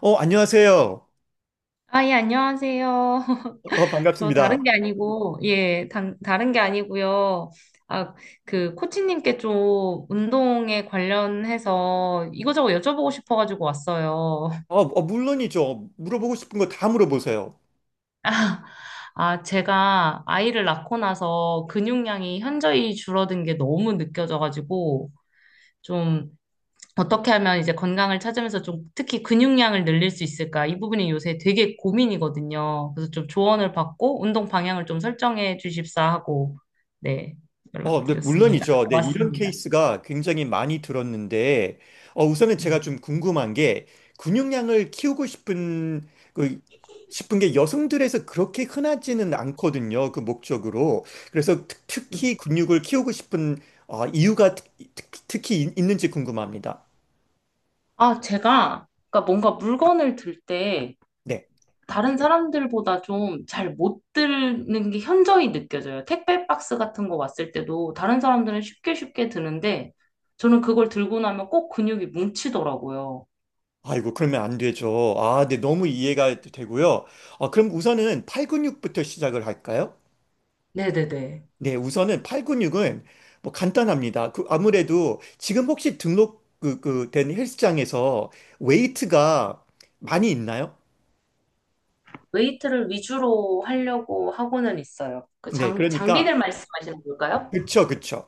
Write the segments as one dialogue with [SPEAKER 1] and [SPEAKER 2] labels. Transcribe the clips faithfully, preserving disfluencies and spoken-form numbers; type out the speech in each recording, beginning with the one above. [SPEAKER 1] 어, 안녕하세요.
[SPEAKER 2] 아, 예, 안녕하세요.
[SPEAKER 1] 어,
[SPEAKER 2] 저 다른 게
[SPEAKER 1] 반갑습니다.
[SPEAKER 2] 아니고, 예, 단, 다른 게 아니고요. 아, 그, 코치님께 좀 운동에 관련해서 이거저거 여쭤보고 싶어가지고 왔어요.
[SPEAKER 1] 어, 어, 물론이죠. 물어보고 싶은 거 다 물어보세요.
[SPEAKER 2] 아, 아, 제가 아이를 낳고 나서 근육량이 현저히 줄어든 게 너무 느껴져가지고, 좀 어떻게 하면 이제 건강을 찾으면서 좀 특히 근육량을 늘릴 수 있을까? 이 부분이 요새 되게 고민이거든요. 그래서 좀 조언을 받고 운동 방향을 좀 설정해 주십사 하고 네,
[SPEAKER 1] 어, 네,
[SPEAKER 2] 연락드렸습니다.
[SPEAKER 1] 물론이죠. 네, 이런
[SPEAKER 2] 왔습니다.
[SPEAKER 1] 케이스가 굉장히 많이 들었는데, 어, 우선은 제가
[SPEAKER 2] 음.
[SPEAKER 1] 좀 궁금한 게, 근육량을 키우고 싶은, 그, 싶은 게 여성들에서 그렇게 흔하지는 않거든요. 그 목적으로. 그래서 특, 특히 근육을 키우고 싶은, 어, 이유가 특, 특, 특히 있- 있는지 궁금합니다.
[SPEAKER 2] 아, 제가 그러니까 뭔가 물건을 들 때
[SPEAKER 1] 네.
[SPEAKER 2] 다른 사람들보다 좀 잘 못 드는 게 현저히 느껴져요. 택배 박스 같은 거 왔을 때도 다른 사람들은 쉽게 쉽게 드는데 저는 그걸 들고 나면 꼭 근육이 뭉치더라고요.
[SPEAKER 1] 아이고, 그러면 안 되죠. 아, 네, 너무 이해가 되고요. 아, 그럼 우선은 팔근육부터 시작을 할까요?
[SPEAKER 2] 네네네.
[SPEAKER 1] 네, 우선은 팔근육은 뭐 간단합니다. 그 아무래도 지금 혹시 등록 그, 그 된 헬스장에서 웨이트가 많이 있나요?
[SPEAKER 2] 웨이트를 위주로 하려고 하고는 있어요. 그
[SPEAKER 1] 네,
[SPEAKER 2] 장,
[SPEAKER 1] 그러니까
[SPEAKER 2] 장비들 말씀하시는 걸까요?
[SPEAKER 1] 그쵸, 그쵸.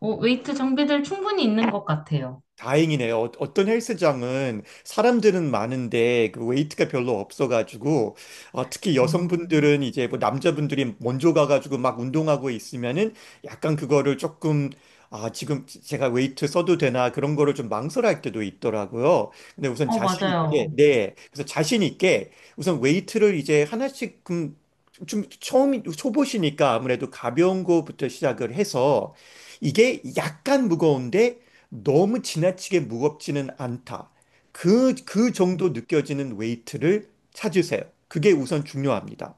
[SPEAKER 2] 어, 웨이트 장비들 충분히 있는 것 같아요.
[SPEAKER 1] 다행이네요. 어- 어떤 헬스장은 사람들은 많은데 그 웨이트가 별로 없어가지고, 어, 특히
[SPEAKER 2] 아,
[SPEAKER 1] 여성분들은 이제 뭐 남자분들이 먼저 가가지고 막 운동하고 있으면은 약간 그거를 조금, 아 지금 제가 웨이트 써도 되나 그런 거를 좀 망설일 때도 있더라고요. 근데 우선
[SPEAKER 2] 어,
[SPEAKER 1] 자신 있게,
[SPEAKER 2] 맞아요.
[SPEAKER 1] 네, 그래서 자신 있게 우선 웨이트를 이제 하나씩 좀, 좀 처음 초보시니까 아무래도 가벼운 거부터 시작을 해서 이게 약간 무거운데 너무 지나치게 무겁지는 않다. 그, 그 정도 느껴지는 웨이트를 찾으세요. 그게 우선 중요합니다.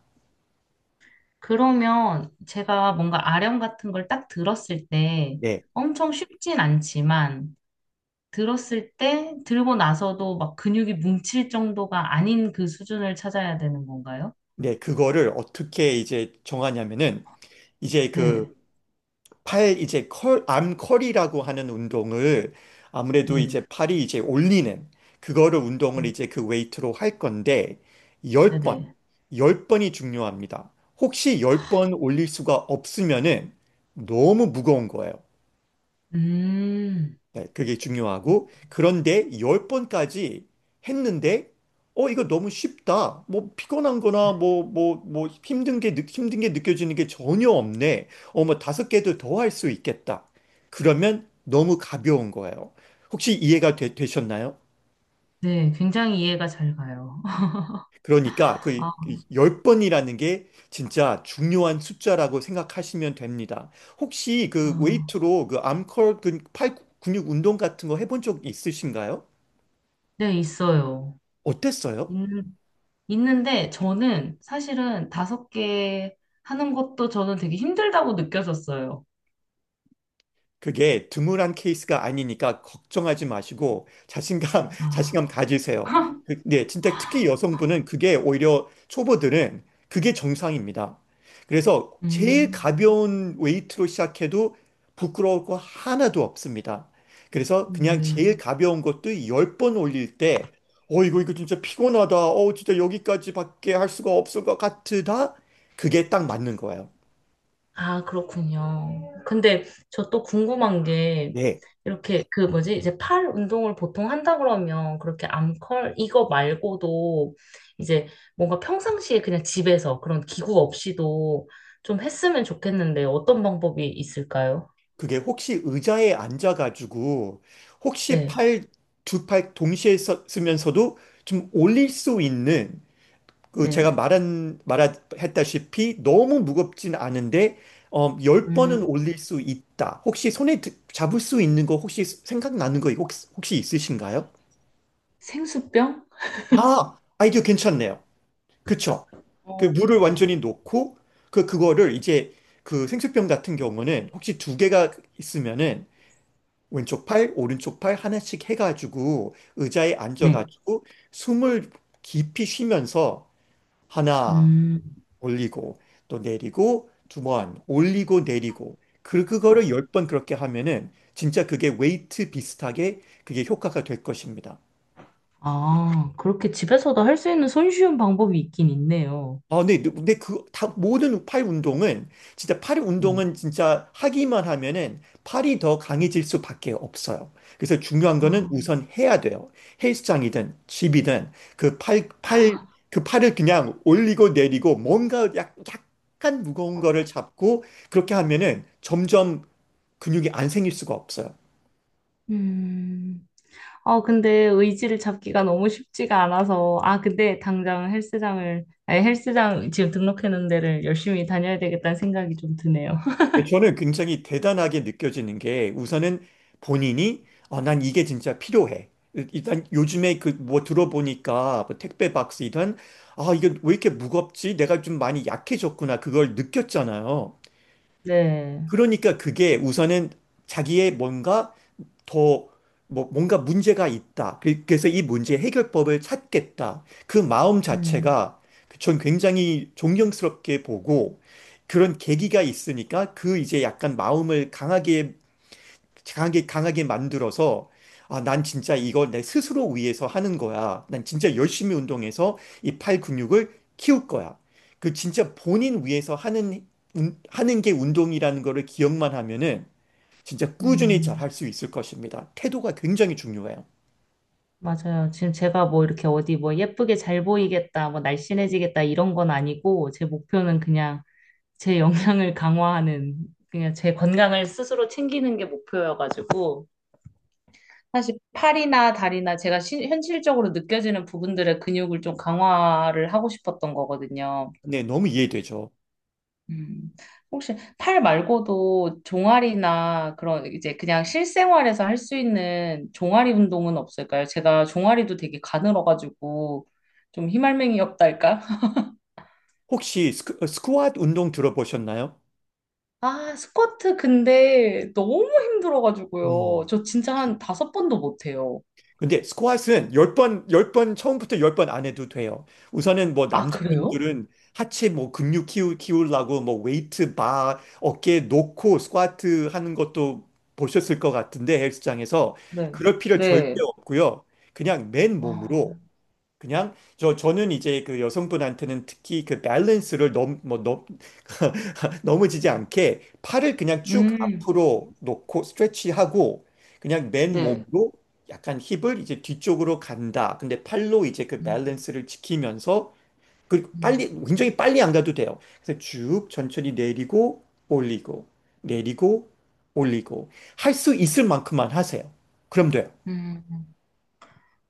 [SPEAKER 2] 그러면 제가 뭔가 아령 같은 걸 딱 들었을 때
[SPEAKER 1] 네.
[SPEAKER 2] 엄청 쉽진 않지만 들었을 때 들고 나서도 막 근육이 뭉칠 정도가 아닌 그 수준을 찾아야 되는 건가요?
[SPEAKER 1] 네, 그거를 어떻게 이제 정하냐면은 이제 그
[SPEAKER 2] 네,
[SPEAKER 1] 팔 이제 컬, 암 컬이라고 하는 운동을 아무래도
[SPEAKER 2] 네,
[SPEAKER 1] 이제 팔이 이제 올리는 그거를 운동을
[SPEAKER 2] 네,
[SPEAKER 1] 이제 그 웨이트로 할 건데
[SPEAKER 2] 네,
[SPEAKER 1] 십 번
[SPEAKER 2] 네.
[SPEAKER 1] 십 번이 중요합니다. 혹시 십 번 올릴 수가 없으면은 너무 무거운 거예요.
[SPEAKER 2] 음,
[SPEAKER 1] 네, 그게 중요하고 그런데 열번까지 했는데 어 이거 너무 쉽다. 뭐 피곤한 거나 뭐 뭐 뭐 힘든 게 느- 힘든 게 느껴지는 게 전혀 없네. 어 뭐 다섯 개도 더 할 수 있겠다. 그러면 너무 가벼운 거예요. 혹시 이해가 되, 되셨나요?
[SPEAKER 2] 네, 굉장히 이해가 잘 가요.
[SPEAKER 1] 그러니까 그
[SPEAKER 2] 아,
[SPEAKER 1] 열번이라는게 진짜 중요한 숫자라고 생각하시면 됩니다. 혹시 그
[SPEAKER 2] 아.
[SPEAKER 1] 웨이트로 그 암컬 그 팔 근육 운동 같은 거 해본 적 있으신가요?
[SPEAKER 2] 네, 있어요.
[SPEAKER 1] 어땠어요?
[SPEAKER 2] 있는, 있는데 저는 사실은 다섯 개 하는 것도 저는 되게 힘들다고 느껴졌어요.
[SPEAKER 1] 그게 드물한 케이스가 아니니까 걱정하지 마시고 자신감, 자신감
[SPEAKER 2] 아,
[SPEAKER 1] 가지세요. 그- 네, 진짜 특히 여성분은 그게 오히려 초보들은 그게 정상입니다. 그래서 제일
[SPEAKER 2] 음,
[SPEAKER 1] 가벼운 웨이트로 시작해도 부끄러울 거 하나도 없습니다. 그래서 그냥 제일
[SPEAKER 2] 네.
[SPEAKER 1] 가벼운 것도 열 번 올릴 때, 어, 이거, 이거 진짜 피곤하다. 어, 진짜 여기까지밖에 할 수가 없을 것 같으다. 그게 딱 맞는 거예요.
[SPEAKER 2] 아, 그렇군요. 근데 저 또 궁금한 게
[SPEAKER 1] 네.
[SPEAKER 2] 이렇게 그 뭐지? 이제 팔 운동을 보통 한다 그러면 그렇게 암컬 이거 말고도 이제 뭔가 평상시에 그냥 집에서 그런 기구 없이도 좀 했으면 좋겠는데 어떤 방법이 있을까요?
[SPEAKER 1] 그게 혹시 의자에 앉아가지고 혹시
[SPEAKER 2] 네,
[SPEAKER 1] 팔, 두 팔 동시에 써- 쓰면서도 좀 올릴 수 있는 그 제가
[SPEAKER 2] 네.
[SPEAKER 1] 말한, 말했다시피 너무 무겁진 않은데 어, 열 번은 올릴 수 있다. 혹시 손에 드- 잡을 수 있는 거 혹시 생각나는 거 혹시, 혹시 있으신가요?
[SPEAKER 2] 생수병?
[SPEAKER 1] 아, 아이디어 괜찮네요. 그쵸? 그
[SPEAKER 2] 어,
[SPEAKER 1] 물을
[SPEAKER 2] 네.
[SPEAKER 1] 완전히 놓고 그, 그거를 이제 그 생수병 같은 경우는 혹시 두 개가 있으면은 왼쪽 팔, 오른쪽 팔 하나씩 해가지고 의자에
[SPEAKER 2] 네.
[SPEAKER 1] 앉아가지고 숨을 깊이 쉬면서 하나
[SPEAKER 2] 음,
[SPEAKER 1] 올리고 또 내리고 두 번 올리고 내리고 그 그거를 열 번 그렇게 하면은 진짜 그게 웨이트 비슷하게 그게 효과가 될 것입니다.
[SPEAKER 2] 아, 그렇게 집에서도 할 수 있는 손쉬운 방법이 있긴 있네요.
[SPEAKER 1] 아, 네, 근데 근데 그, 다, 모든 팔 운동은, 진짜 팔
[SPEAKER 2] 네.
[SPEAKER 1] 운동은 진짜 하기만 하면은 팔이 더 강해질 수밖에 없어요. 그래서 중요한 거는
[SPEAKER 2] 아,
[SPEAKER 1] 우선 해야 돼요. 헬스장이든 집이든 그 팔, 팔, 그 팔을 그냥 올리고 내리고 뭔가 약, 약간 무거운 거를 잡고 그렇게 하면은 점점 근육이 안 생길 수가 없어요.
[SPEAKER 2] 음. 아, 근데 의지를 잡기가 너무 쉽지가 않아서. 아, 근데 당장 헬스장을, 아니, 헬스장 지금 등록해놓은 데를 열심히 다녀야 되겠다는 생각이 좀 드네요.
[SPEAKER 1] 근데 저는 굉장히 대단하게 느껴지는 게 우선은 본인이, 아, 난 이게 진짜 필요해. 일단 요즘에 그 뭐 들어보니까 뭐 택배 박스이던 아, 이게 왜 이렇게 무겁지? 내가 좀 많이 약해졌구나. 그걸 느꼈잖아요.
[SPEAKER 2] 네.
[SPEAKER 1] 그러니까 그게 우선은 자기의 뭔가 더 뭐, 뭔가 문제가 있다. 그- 그래서 이 문제 해결법을 찾겠다. 그 마음
[SPEAKER 2] 음,
[SPEAKER 1] 자체가 전 굉장히 존경스럽게 보고 그런 계기가 있으니까 그 이제 약간 마음을 강하게 강하게, 강하게 만들어서, 아, 난 진짜 이걸 내 스스로 위해서 하는 거야. 난 진짜 열심히 운동해서 이 팔 근육을 키울 거야. 그 진짜 본인 위해서 하는, 운- 하는 게 운동이라는 거를 기억만 하면은 진짜 꾸준히 잘 할
[SPEAKER 2] 음,
[SPEAKER 1] 수 있을 것입니다. 태도가 굉장히 중요해요.
[SPEAKER 2] 맞아요. 지금 제가 뭐 이렇게 어디 뭐 예쁘게 잘 보이겠다, 뭐 날씬해지겠다 이런 건 아니고, 제 목표는 그냥 제 영양을 강화하는, 그냥 제 건강을 스스로 챙기는 게 목표여가지고, 사실 팔이나 다리나 제가 시- 현실적으로 느껴지는 부분들의 근육을 좀 강화를 하고 싶었던 거거든요.
[SPEAKER 1] 네, 너무 이해되죠.
[SPEAKER 2] 음, 혹시 팔 말고도 종아리나 그런 이제 그냥 실생활에서 할 수 있는 종아리 운동은 없을까요? 제가 종아리도 되게 가늘어가지고 좀 희말맹이 없달까?
[SPEAKER 1] 혹시 스쿼, 스쿼트 운동 들어보셨나요?
[SPEAKER 2] 아, 스쿼트 근데 너무 힘들어가지고요.
[SPEAKER 1] 음.
[SPEAKER 2] 저 진짜 한 다섯 번도 못해요.
[SPEAKER 1] 근데 스쿼트는 열 번 열 번 처음부터 십 번 안 해도 돼요. 우선은 뭐
[SPEAKER 2] 아, 그래요?
[SPEAKER 1] 남자분들은 하체 뭐 근육 키우, 키우려고 뭐 웨이트 바 어깨 놓고 스쿼트 하는 것도 보셨을 것 같은데 헬스장에서
[SPEAKER 2] 네.
[SPEAKER 1] 그럴 필요 절대
[SPEAKER 2] 네.
[SPEAKER 1] 없고요. 그냥 맨몸으로
[SPEAKER 2] 아,
[SPEAKER 1] 그냥 저 저는 이제 그 여성분한테는 특히 그 밸런스를 너무 뭐너 넘어지지 않게 팔을 그냥 쭉
[SPEAKER 2] 음,
[SPEAKER 1] 앞으로 놓고 스트레치하고 그냥 맨
[SPEAKER 2] 네.
[SPEAKER 1] 몸으로 약간 힙을 이제 뒤쪽으로 간다. 근데 팔로 이제 그
[SPEAKER 2] 음,
[SPEAKER 1] 밸런스를 지키면서 그리고
[SPEAKER 2] 음,
[SPEAKER 1] 빨리 굉장히 빨리 안 가도 돼요. 그래서 쭉 천천히 내리고 올리고 내리고 올리고 할 수 있을 만큼만 하세요. 그럼 돼요.
[SPEAKER 2] 음.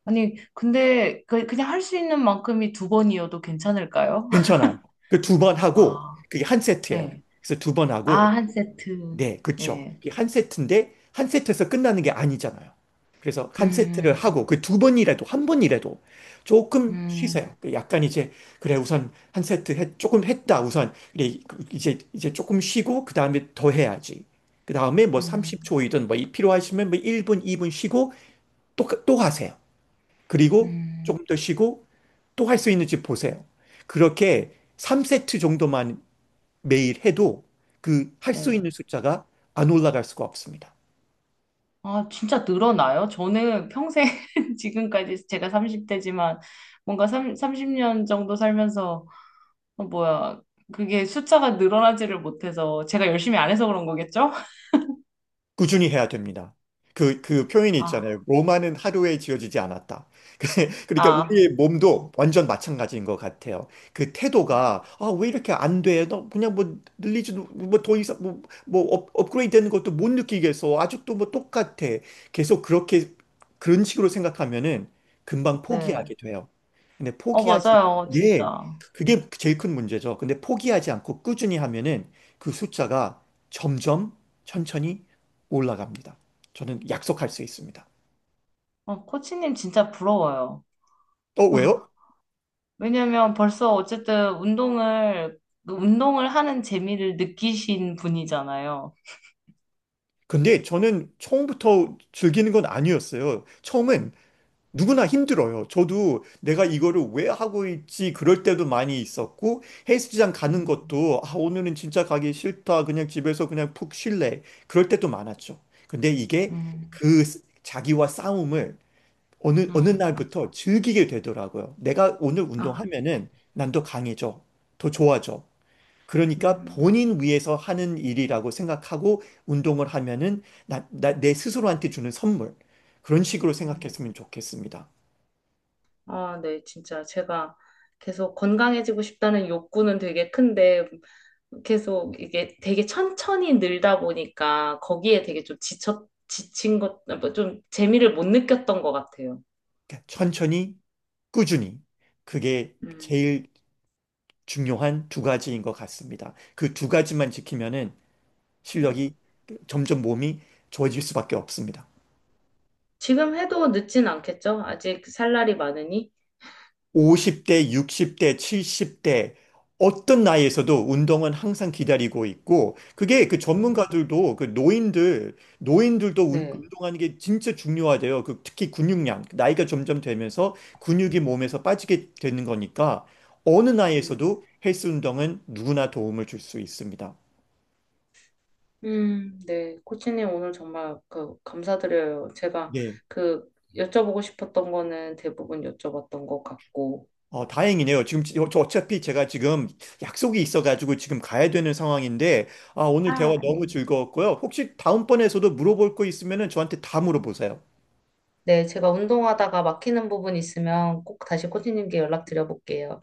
[SPEAKER 2] 아니, 근데 그, 그냥 할 수 있는 만큼이 두 번이어도 괜찮을까요?
[SPEAKER 1] 괜찮아요. 그 두 번 하고
[SPEAKER 2] 아,
[SPEAKER 1] 그게 한 세트예요.
[SPEAKER 2] 네
[SPEAKER 1] 그래서 두 번
[SPEAKER 2] 아,
[SPEAKER 1] 하고
[SPEAKER 2] 한 세트.
[SPEAKER 1] 네, 그쵸.
[SPEAKER 2] 네
[SPEAKER 1] 이게 한 세트인데 한 세트에서 끝나는 게 아니잖아요. 그래서 한 세트를 하고
[SPEAKER 2] 음,
[SPEAKER 1] 그 두 번이라도 한 번이라도 조금 쉬세요.
[SPEAKER 2] 음,
[SPEAKER 1] 그 약간 이제 그래 우선 한 세트 했- 조금 했다 우선 그래 이제 이제 조금 쉬고 그 다음에 더 해야지. 그 다음에
[SPEAKER 2] 음,
[SPEAKER 1] 뭐
[SPEAKER 2] 음,
[SPEAKER 1] 삼십 초이든 뭐 이- 필요하시면 뭐 일 분, 이 분 쉬고 또, 또 하세요. 그리고
[SPEAKER 2] 음.
[SPEAKER 1] 조금 더 쉬고 또 할 수 있는지 보세요. 그렇게 삼 세트 정도만 매일 해도 그 할 수
[SPEAKER 2] 네.
[SPEAKER 1] 있는 숫자가 안 올라갈 수가 없습니다.
[SPEAKER 2] 아, 진짜 늘어나요? 저는 평생 지금까지 제가 삼십 대지만 뭔가 삼, 삼십 년 정도 살면서 어, 뭐야 그게 숫자가 늘어나지를 못해서 제가 열심히 안 해서 그런 거겠죠?
[SPEAKER 1] 꾸준히 해야 됩니다. 그, 그 표현이 있잖아요.
[SPEAKER 2] 아,
[SPEAKER 1] 로마는 하루에 지어지지 않았다. 그러니까
[SPEAKER 2] 아,
[SPEAKER 1] 우리의 몸도 완전 마찬가지인 것 같아요. 그 태도가, 아, 왜 이렇게 안 돼? 너 그냥 뭐 늘리지도, 뭐 더 이상, 뭐, 뭐 업, 업그레이드 되는 것도 못 느끼겠어. 아직도 뭐 똑같아. 계속 그렇게, 그런 식으로 생각하면은 금방
[SPEAKER 2] 네.
[SPEAKER 1] 포기하게 돼요. 근데
[SPEAKER 2] 어,
[SPEAKER 1] 포기하지,
[SPEAKER 2] 맞아요. 진짜.
[SPEAKER 1] 네. 그게 제일 큰 문제죠. 근데 포기하지 않고 꾸준히 하면은 그 숫자가 점점 천천히 올라갑니다. 저는 약속할 수 있습니다.
[SPEAKER 2] 어, 코치님 진짜 부러워요.
[SPEAKER 1] 어, 왜요?
[SPEAKER 2] 왜냐면 벌써 어쨌든 운동을 그 운동을 하는 재미를 느끼신 분이잖아요.
[SPEAKER 1] 근데 저는 처음부터 즐기는 건 아니었어요. 처음엔 누구나 힘들어요. 저도 내가 이거를 왜 하고 있지 그럴 때도 많이 있었고 헬스장 가는
[SPEAKER 2] 음,
[SPEAKER 1] 것도 아, 오늘은 진짜 가기 싫다. 그냥 집에서 그냥 푹 쉴래. 그럴 때도 많았죠. 근데 이게
[SPEAKER 2] 음,
[SPEAKER 1] 그 스- 자기와 싸움을 어느 어느
[SPEAKER 2] 음.
[SPEAKER 1] 날부터 즐기게 되더라고요. 내가 오늘
[SPEAKER 2] 아,
[SPEAKER 1] 운동하면은 난 더 강해져. 더 좋아져. 그러니까
[SPEAKER 2] 음.
[SPEAKER 1] 본인 위해서 하는 일이라고 생각하고 운동을 하면은 나, 나- 내 스스로한테 주는 선물. 그런 식으로
[SPEAKER 2] 음.
[SPEAKER 1] 생각했으면 좋겠습니다.
[SPEAKER 2] 아, 네, 진짜 제가 계속 건강해지고 싶다는 욕구는 되게 큰데 계속 이게 되게 천천히 늘다 보니까 거기에 되게 좀 지쳐, 지친 것, 뭐좀 재미를 못 느꼈던 것 같아요.
[SPEAKER 1] 그러니까 천천히, 꾸준히. 그게
[SPEAKER 2] 음,
[SPEAKER 1] 제일 중요한 두 가지인 것 같습니다. 그 두 가지만 지키면은
[SPEAKER 2] 네.
[SPEAKER 1] 실력이 점점 몸이 좋아질 수밖에 없습니다.
[SPEAKER 2] 지금 해도 늦진 않겠죠? 아직 살 날이 많으니.
[SPEAKER 1] 오십 대, 육십 대, 칠십 대 어떤 나이에서도 운동은 항상 기다리고 있고 그게 그
[SPEAKER 2] 음,
[SPEAKER 1] 전문가들도 그 노인들 노인들도 운-
[SPEAKER 2] 네.
[SPEAKER 1] 운동하는 게 진짜 중요하대요. 그 특히 근육량 나이가 점점 되면서 근육이 몸에서 빠지게 되는 거니까 어느
[SPEAKER 2] 음,
[SPEAKER 1] 나이에서도 헬스 운동은 누구나 도움을 줄 수 있습니다.
[SPEAKER 2] 음, 네. 코치님 오늘 정말 그 감사드려요. 제가 그 여쭤보고 싶었던 거는 대부분 여쭤봤던 것 같고.
[SPEAKER 1] 어, 다행이네요. 지금 지- 어, 저 어차피 제가 지금 약속이 있어가지고 지금 가야 되는 상황인데, 아, 오늘 대화
[SPEAKER 2] 아, 네.
[SPEAKER 1] 너무 즐거웠고요. 혹시 다음번에서도 물어볼 거 있으면은 저한테 다 물어보세요.
[SPEAKER 2] 네, 제가 운동하다가 막히는 부분 있으면 꼭 다시 코치님께 연락드려볼게요.